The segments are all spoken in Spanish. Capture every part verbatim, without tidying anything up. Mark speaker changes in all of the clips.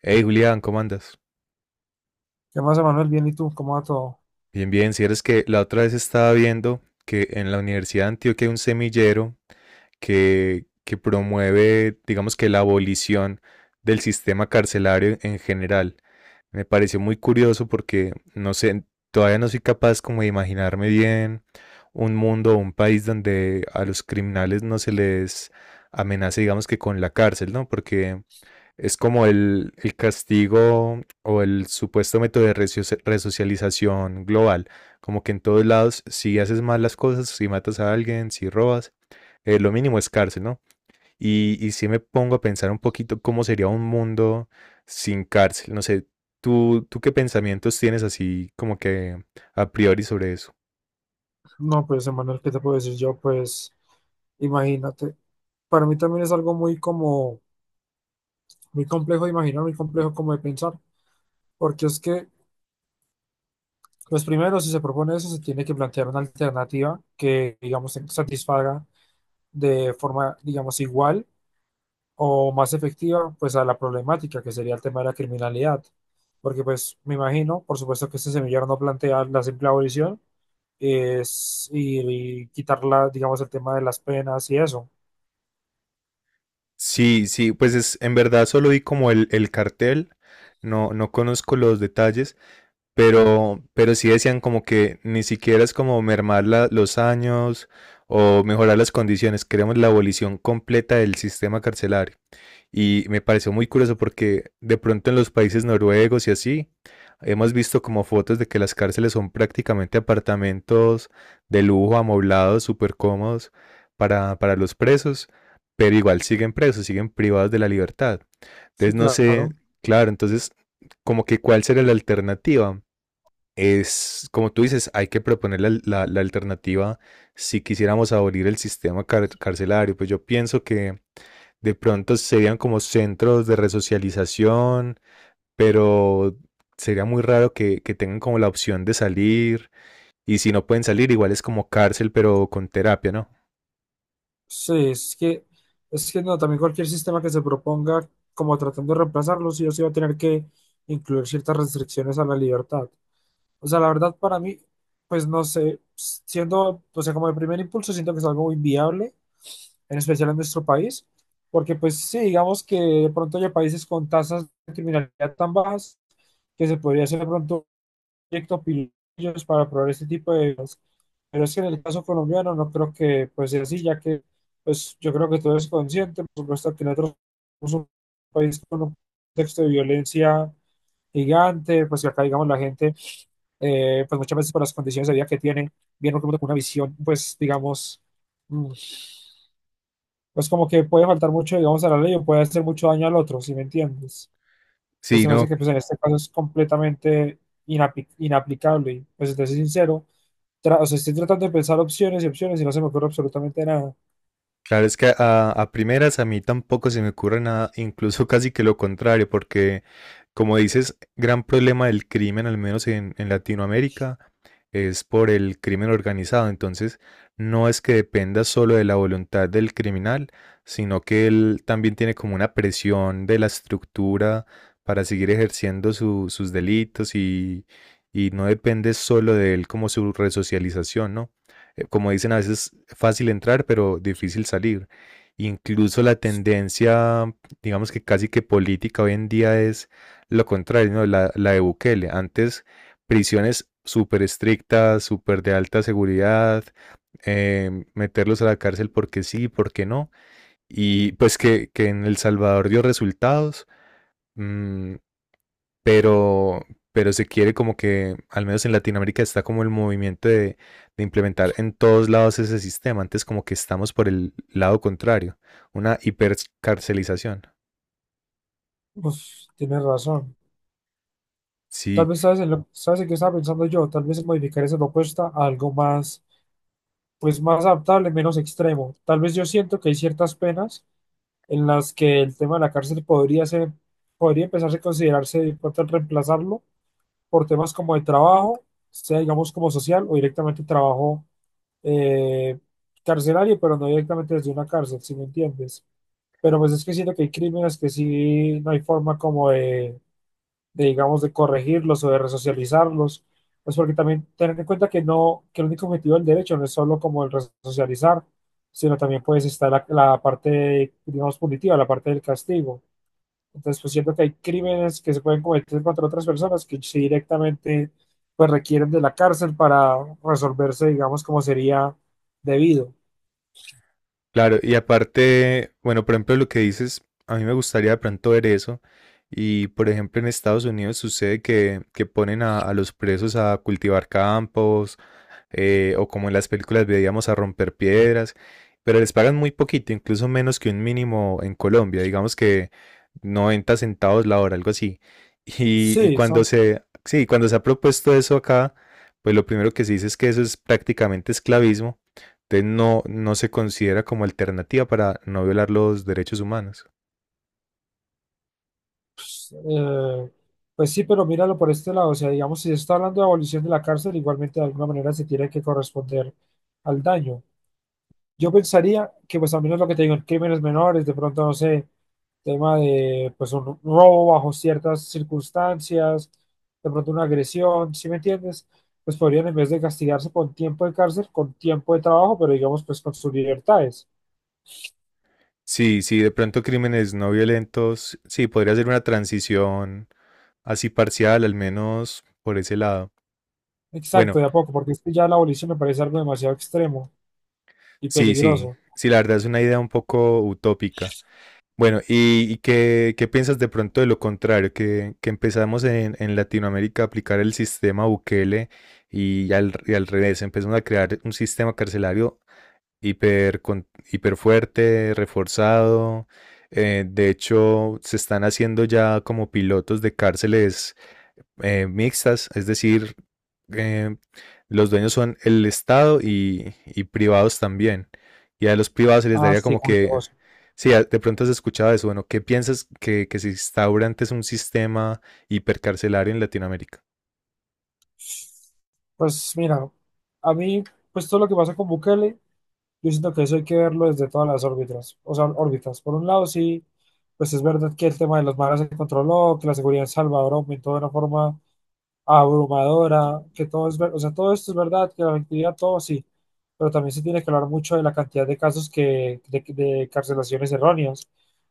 Speaker 1: Hey Julián, ¿cómo andas?
Speaker 2: ¿Qué más, Emanuel? Bien, ¿y tú? ¿Cómo va todo?
Speaker 1: Bien, bien, si eres que la otra vez estaba viendo que en la Universidad de Antioquia hay un semillero que, que promueve, digamos que la abolición del sistema carcelario en general. Me pareció muy curioso porque no sé, todavía no soy capaz como de imaginarme bien un mundo o un país donde a los criminales no se les amenace, digamos que con la cárcel, ¿no? Porque es como el, el castigo o el supuesto método de resocia- resocialización global. Como que en todos lados, si haces mal las cosas, si matas a alguien, si robas, eh, lo mínimo es cárcel, ¿no? Y, y si me pongo a pensar un poquito cómo sería un mundo sin cárcel. No sé, ¿tú, tú qué pensamientos tienes así como que a priori sobre eso?
Speaker 2: No, pues, Emanuel, ¿qué te puedo decir yo? Pues, imagínate. Para mí también es algo muy como, muy complejo de imaginar, muy complejo como de pensar, porque es que, pues primero, si se propone eso, se tiene que plantear una alternativa que, digamos, satisfaga de forma, digamos, igual o más efectiva pues a la problemática que sería el tema de la criminalidad. Porque pues me imagino, por supuesto que este semillero no plantea la simple abolición es, y, y quitarla, digamos, el tema de las penas y eso.
Speaker 1: Sí, sí, pues es, en verdad solo vi como el, el cartel, no, no conozco los detalles. pero, pero sí decían como que ni siquiera es como mermar la- los años o mejorar las condiciones, queremos la abolición completa del sistema carcelario. Y me pareció muy curioso porque de pronto en los países noruegos y así, hemos visto como fotos de que las cárceles son prácticamente apartamentos de lujo, amoblados, súper cómodos para, para los presos, pero igual siguen presos, siguen privados de la libertad. Entonces
Speaker 2: Sí,
Speaker 1: no sé,
Speaker 2: claro.
Speaker 1: claro, entonces como que cuál será la alternativa. Es, como tú dices, hay que proponer la, la- la alternativa si quisiéramos abolir el sistema car- carcelario. Pues yo pienso que de pronto serían como centros de resocialización, pero sería muy raro que, que tengan como la opción de salir. Y si no pueden salir, igual es como cárcel, pero con terapia, ¿no?
Speaker 2: Sí, es que, es que no, también cualquier sistema que se proponga como tratando de reemplazarlo, sí o sí va a tener que incluir ciertas restricciones a la libertad. O sea, la verdad para mí, pues no sé, siendo, o sea, como de primer impulso siento que es algo inviable en especial en nuestro país, porque pues sí, digamos que de pronto hay países con tasas de criminalidad tan bajas que se podría hacer de pronto un proyecto pillos para probar este tipo de cosas. Pero es que en el caso colombiano no creo que pues sea así, ya que pues yo creo que todo es consciente, por supuesto que nosotros somos un país con un contexto de violencia gigante, pues que acá digamos la gente, eh, pues muchas veces por las condiciones de vida que tiene, viene con una visión pues digamos mm, pues como que puede faltar mucho, digamos, a la ley o puede hacer mucho daño al otro, ¿si me entiendes? Entonces
Speaker 1: Sí,
Speaker 2: se me hace
Speaker 1: no.
Speaker 2: que pues en este caso es completamente inapi- inaplicable y pues si te soy sincero, tra- o sea, estoy tratando de pensar opciones y opciones y no se me ocurre absolutamente nada.
Speaker 1: Claro, es que a, a primeras a mí tampoco se me ocurre nada, incluso casi que lo contrario, porque como dices, gran problema del crimen, al menos en, en Latinoamérica, es por el crimen organizado. Entonces, no es que dependa solo de la voluntad del criminal, sino que él también tiene como una presión de la estructura para seguir ejerciendo su- sus delitos y, y no depende solo de él como su resocialización, ¿no? Eh, como dicen, a veces fácil entrar, pero difícil salir. Incluso la tendencia, digamos que casi que política hoy en día es lo contrario, ¿no? La, la de Bukele. Antes, prisiones súper estrictas, súper de alta seguridad, eh, meterlos a la cárcel porque sí, porque no. Y pues que, que en El Salvador dio resultados. Mm, pero, pero se quiere como que, al menos en Latinoamérica, está como el movimiento de, de implementar en todos lados ese sistema. Antes como que estamos por el lado contrario, una hipercarcelización.
Speaker 2: Uf, tienes razón. Tal
Speaker 1: Sí,
Speaker 2: vez sabes en lo, sabes en qué estaba pensando yo, tal vez en modificar esa propuesta a algo más, pues más adaptable, menos extremo. Tal vez yo siento que hay ciertas penas en las que el tema de la cárcel podría ser, podría empezarse a considerarse de pronto reemplazarlo por temas como de trabajo, sea digamos como social o directamente trabajo eh, carcelario, pero no directamente desde una cárcel, si me entiendes. Pero pues es que siento que hay crímenes que sí no hay forma como de, de, digamos, de corregirlos o de resocializarlos. Pues porque también tener en cuenta que no, que el único objetivo del derecho no es solo como el resocializar, sino también pues está la, la parte, digamos, punitiva, la parte del castigo. Entonces, pues siento que hay crímenes que se pueden cometer contra otras personas que sí directamente pues requieren de la cárcel para resolverse, digamos, como sería debido.
Speaker 1: claro, y aparte, bueno, por ejemplo, lo que dices, a mí me gustaría de pronto ver eso. Y por ejemplo, en Estados Unidos sucede que, que ponen a, a los presos a cultivar campos, eh, o como en las películas veíamos a romper piedras, pero les pagan muy poquito, incluso menos que un mínimo en Colombia, digamos que noventa centavos la hora, algo así. Y, y
Speaker 2: Sí,
Speaker 1: cuando
Speaker 2: son,
Speaker 1: se, sí, cuando se ha propuesto eso acá, pues lo primero que se dice es que eso es prácticamente esclavismo, entonces no, no se considera como alternativa para no violar los derechos humanos.
Speaker 2: eh, pues sí, pero míralo por este lado, o sea, digamos, si se está hablando de abolición de la cárcel, igualmente de alguna manera se tiene que corresponder al daño. Yo pensaría que, pues, al menos lo que te digo, en crímenes menores, de pronto, no sé, tema de, pues, un robo bajo ciertas circunstancias, de pronto una agresión, ¿sí me entiendes? Pues podrían, en vez de castigarse con tiempo de cárcel, con tiempo de trabajo, pero digamos, pues, con sus libertades.
Speaker 1: Sí, sí, de pronto crímenes no violentos, sí, podría ser una transición así parcial, al menos por ese lado.
Speaker 2: Exacto,
Speaker 1: Bueno,
Speaker 2: de a poco, porque es que ya la abolición me parece algo demasiado extremo y
Speaker 1: sí, sí,
Speaker 2: peligroso.
Speaker 1: sí, la verdad es una idea un poco utópica. Bueno, ¿y, y qué, qué piensas de pronto de lo contrario? Que, que empezamos en, en Latinoamérica a aplicar el sistema Bukele y al, y al revés, empezamos a crear un sistema carcelario hiper, con- hiper fuerte, reforzado. Eh, de hecho, se están haciendo ya como pilotos de cárceles eh, mixtas, es decir, eh, los dueños son el Estado y, y privados también. Y a los privados se les
Speaker 2: Ah,
Speaker 1: daría
Speaker 2: sí,
Speaker 1: como
Speaker 2: como
Speaker 1: que,
Speaker 2: negocio.
Speaker 1: sí, a- de pronto has escuchado eso, bueno, ¿qué piensas que, que se instaura antes un sistema hipercarcelario en Latinoamérica?
Speaker 2: Pues mira, a mí, pues todo lo que pasa con Bukele. Yo siento que eso hay que verlo desde todas las órbitas. O sea, órbitas. Por un lado, sí, pues es verdad que el tema de los maras se controló, que la seguridad en Salvador aumentó de una forma abrumadora, que todo es ver- o sea, todo esto es verdad, que la actividad, todo sí. Pero también se tiene que hablar mucho de la cantidad de casos que, de, de carcelaciones erróneas.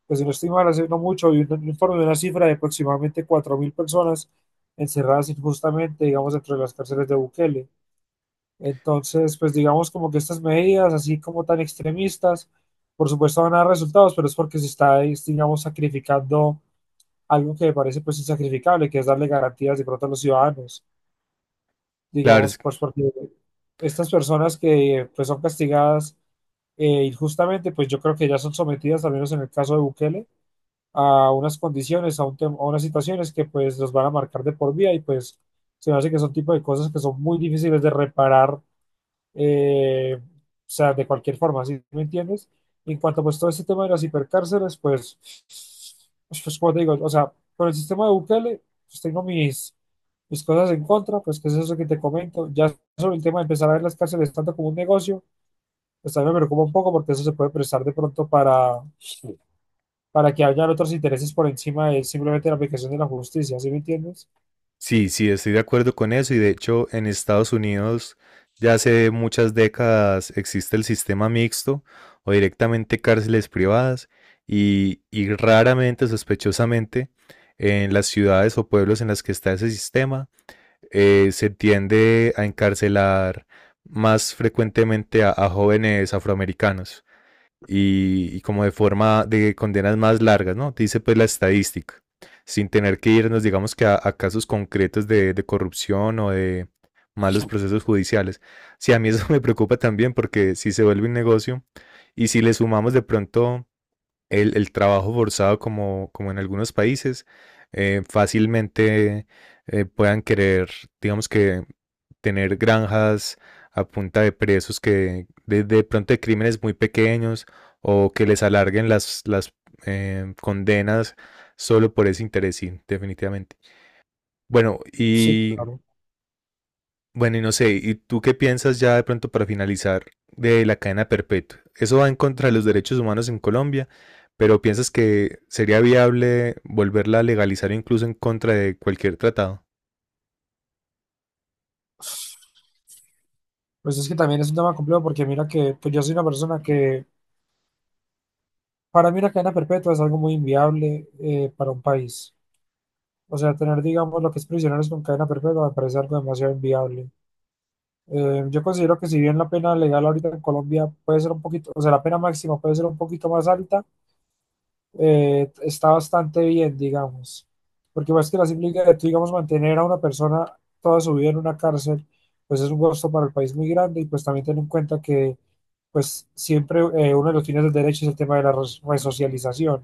Speaker 2: Pues si no estoy mal, hace no mucho, vi un informe de una cifra de aproximadamente cuatro mil personas encerradas injustamente, digamos, dentro de las cárceles de Bukele. Entonces, pues digamos como que estas medidas, así como tan extremistas, por supuesto van a dar resultados, pero es porque se está, es, digamos, sacrificando algo que me parece pues insacrificable, que es darle garantías de pronto a los ciudadanos,
Speaker 1: Claro,
Speaker 2: digamos,
Speaker 1: es.
Speaker 2: pues porque estas personas que pues son castigadas eh, injustamente, pues yo creo que ya son sometidas, al menos en el caso de Bukele, a unas condiciones, a, un tem- a unas situaciones que pues los van a marcar de por vida y pues se me hace que son tipo de cosas que son muy difíciles de reparar eh, o sea, de cualquier forma, ¿sí me entiendes? En cuanto pues todo este tema de las hipercárceles, pues, pues, pues, como te digo, o sea, con el sistema de Bukele, pues tengo mis, mis cosas en contra, pues que es eso que te comento, ya sobre el tema de empezar a ver las cárceles tanto como un negocio, pues también me preocupa un poco porque eso se puede prestar de pronto para, para que hayan otros intereses por encima de simplemente la aplicación de la justicia, ¿sí me entiendes?
Speaker 1: Sí, sí, estoy de acuerdo con eso y de hecho en Estados Unidos ya hace muchas décadas existe el sistema mixto o directamente cárceles privadas y, y raramente, sospechosamente, en las ciudades o pueblos en las que está ese sistema, eh, se tiende a encarcelar más frecuentemente a, a jóvenes afroamericanos y, y como de forma de condenas más largas, ¿no? Dice pues la estadística, sin tener que irnos, digamos que a, a casos concretos de, de corrupción o de malos procesos judiciales. Sí, a mí eso me preocupa también porque si se vuelve un negocio y si le sumamos de pronto el, el trabajo forzado como, como en algunos países, eh, fácilmente eh, puedan querer, digamos que tener granjas a punta de presos que de, de pronto de crímenes muy pequeños o que les alarguen las, las eh, condenas solo por ese interés, sí, definitivamente. Bueno,
Speaker 2: Sí,
Speaker 1: y
Speaker 2: claro.
Speaker 1: bueno, y no sé, ¿y, tú qué piensas ya de pronto para finalizar de la cadena perpetua? Eso va en contra de los derechos humanos en Colombia, pero ¿piensas que sería viable volverla a legalizar incluso en contra de cualquier tratado?
Speaker 2: Pues es que también es un tema complejo porque mira que pues yo soy una persona que. Para mí una cadena perpetua es algo muy inviable eh, para un país. O sea, tener, digamos, lo que es prisioneros con cadena perpetua me parece algo demasiado inviable. Eh, yo considero que si bien la pena legal ahorita en Colombia puede ser un poquito, o sea, la pena máxima puede ser un poquito más alta, eh, está bastante bien, digamos. Porque más que la implica de tú, digamos, mantener a una persona toda su vida en una cárcel, pues es un costo para el país muy grande y pues también ten en cuenta que pues siempre eh, uno de los fines del derecho es el tema de la res- resocialización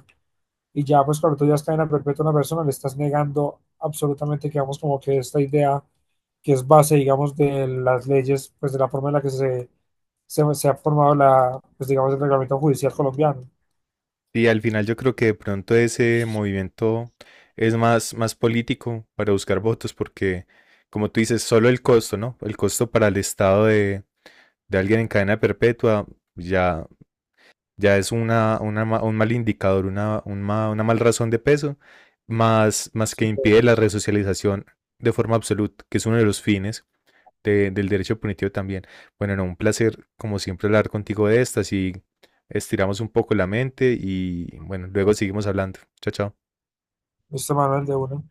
Speaker 2: y ya pues cuando tú ya es cadena perpetua a una persona, le estás negando absolutamente, digamos, como que esta idea que es base, digamos, de las leyes, pues de la forma en la que se, se, se ha formado la, pues digamos, el reglamento judicial colombiano.
Speaker 1: Y al final yo creo que de pronto ese movimiento es más, más político para buscar votos, porque como tú dices, solo el costo, ¿no? El costo para el Estado de, de alguien en cadena perpetua ya, ya es una, una ma- un mal indicador, una, un ma- una mal razón de peso, más, más que impide la resocialización de forma absoluta, que es uno de los fines de- del derecho punitivo también. Bueno, no, un placer, como siempre, hablar contigo de estas y estiramos un poco la mente y bueno, luego seguimos hablando. Chao, chao.
Speaker 2: Este Manuel de uno.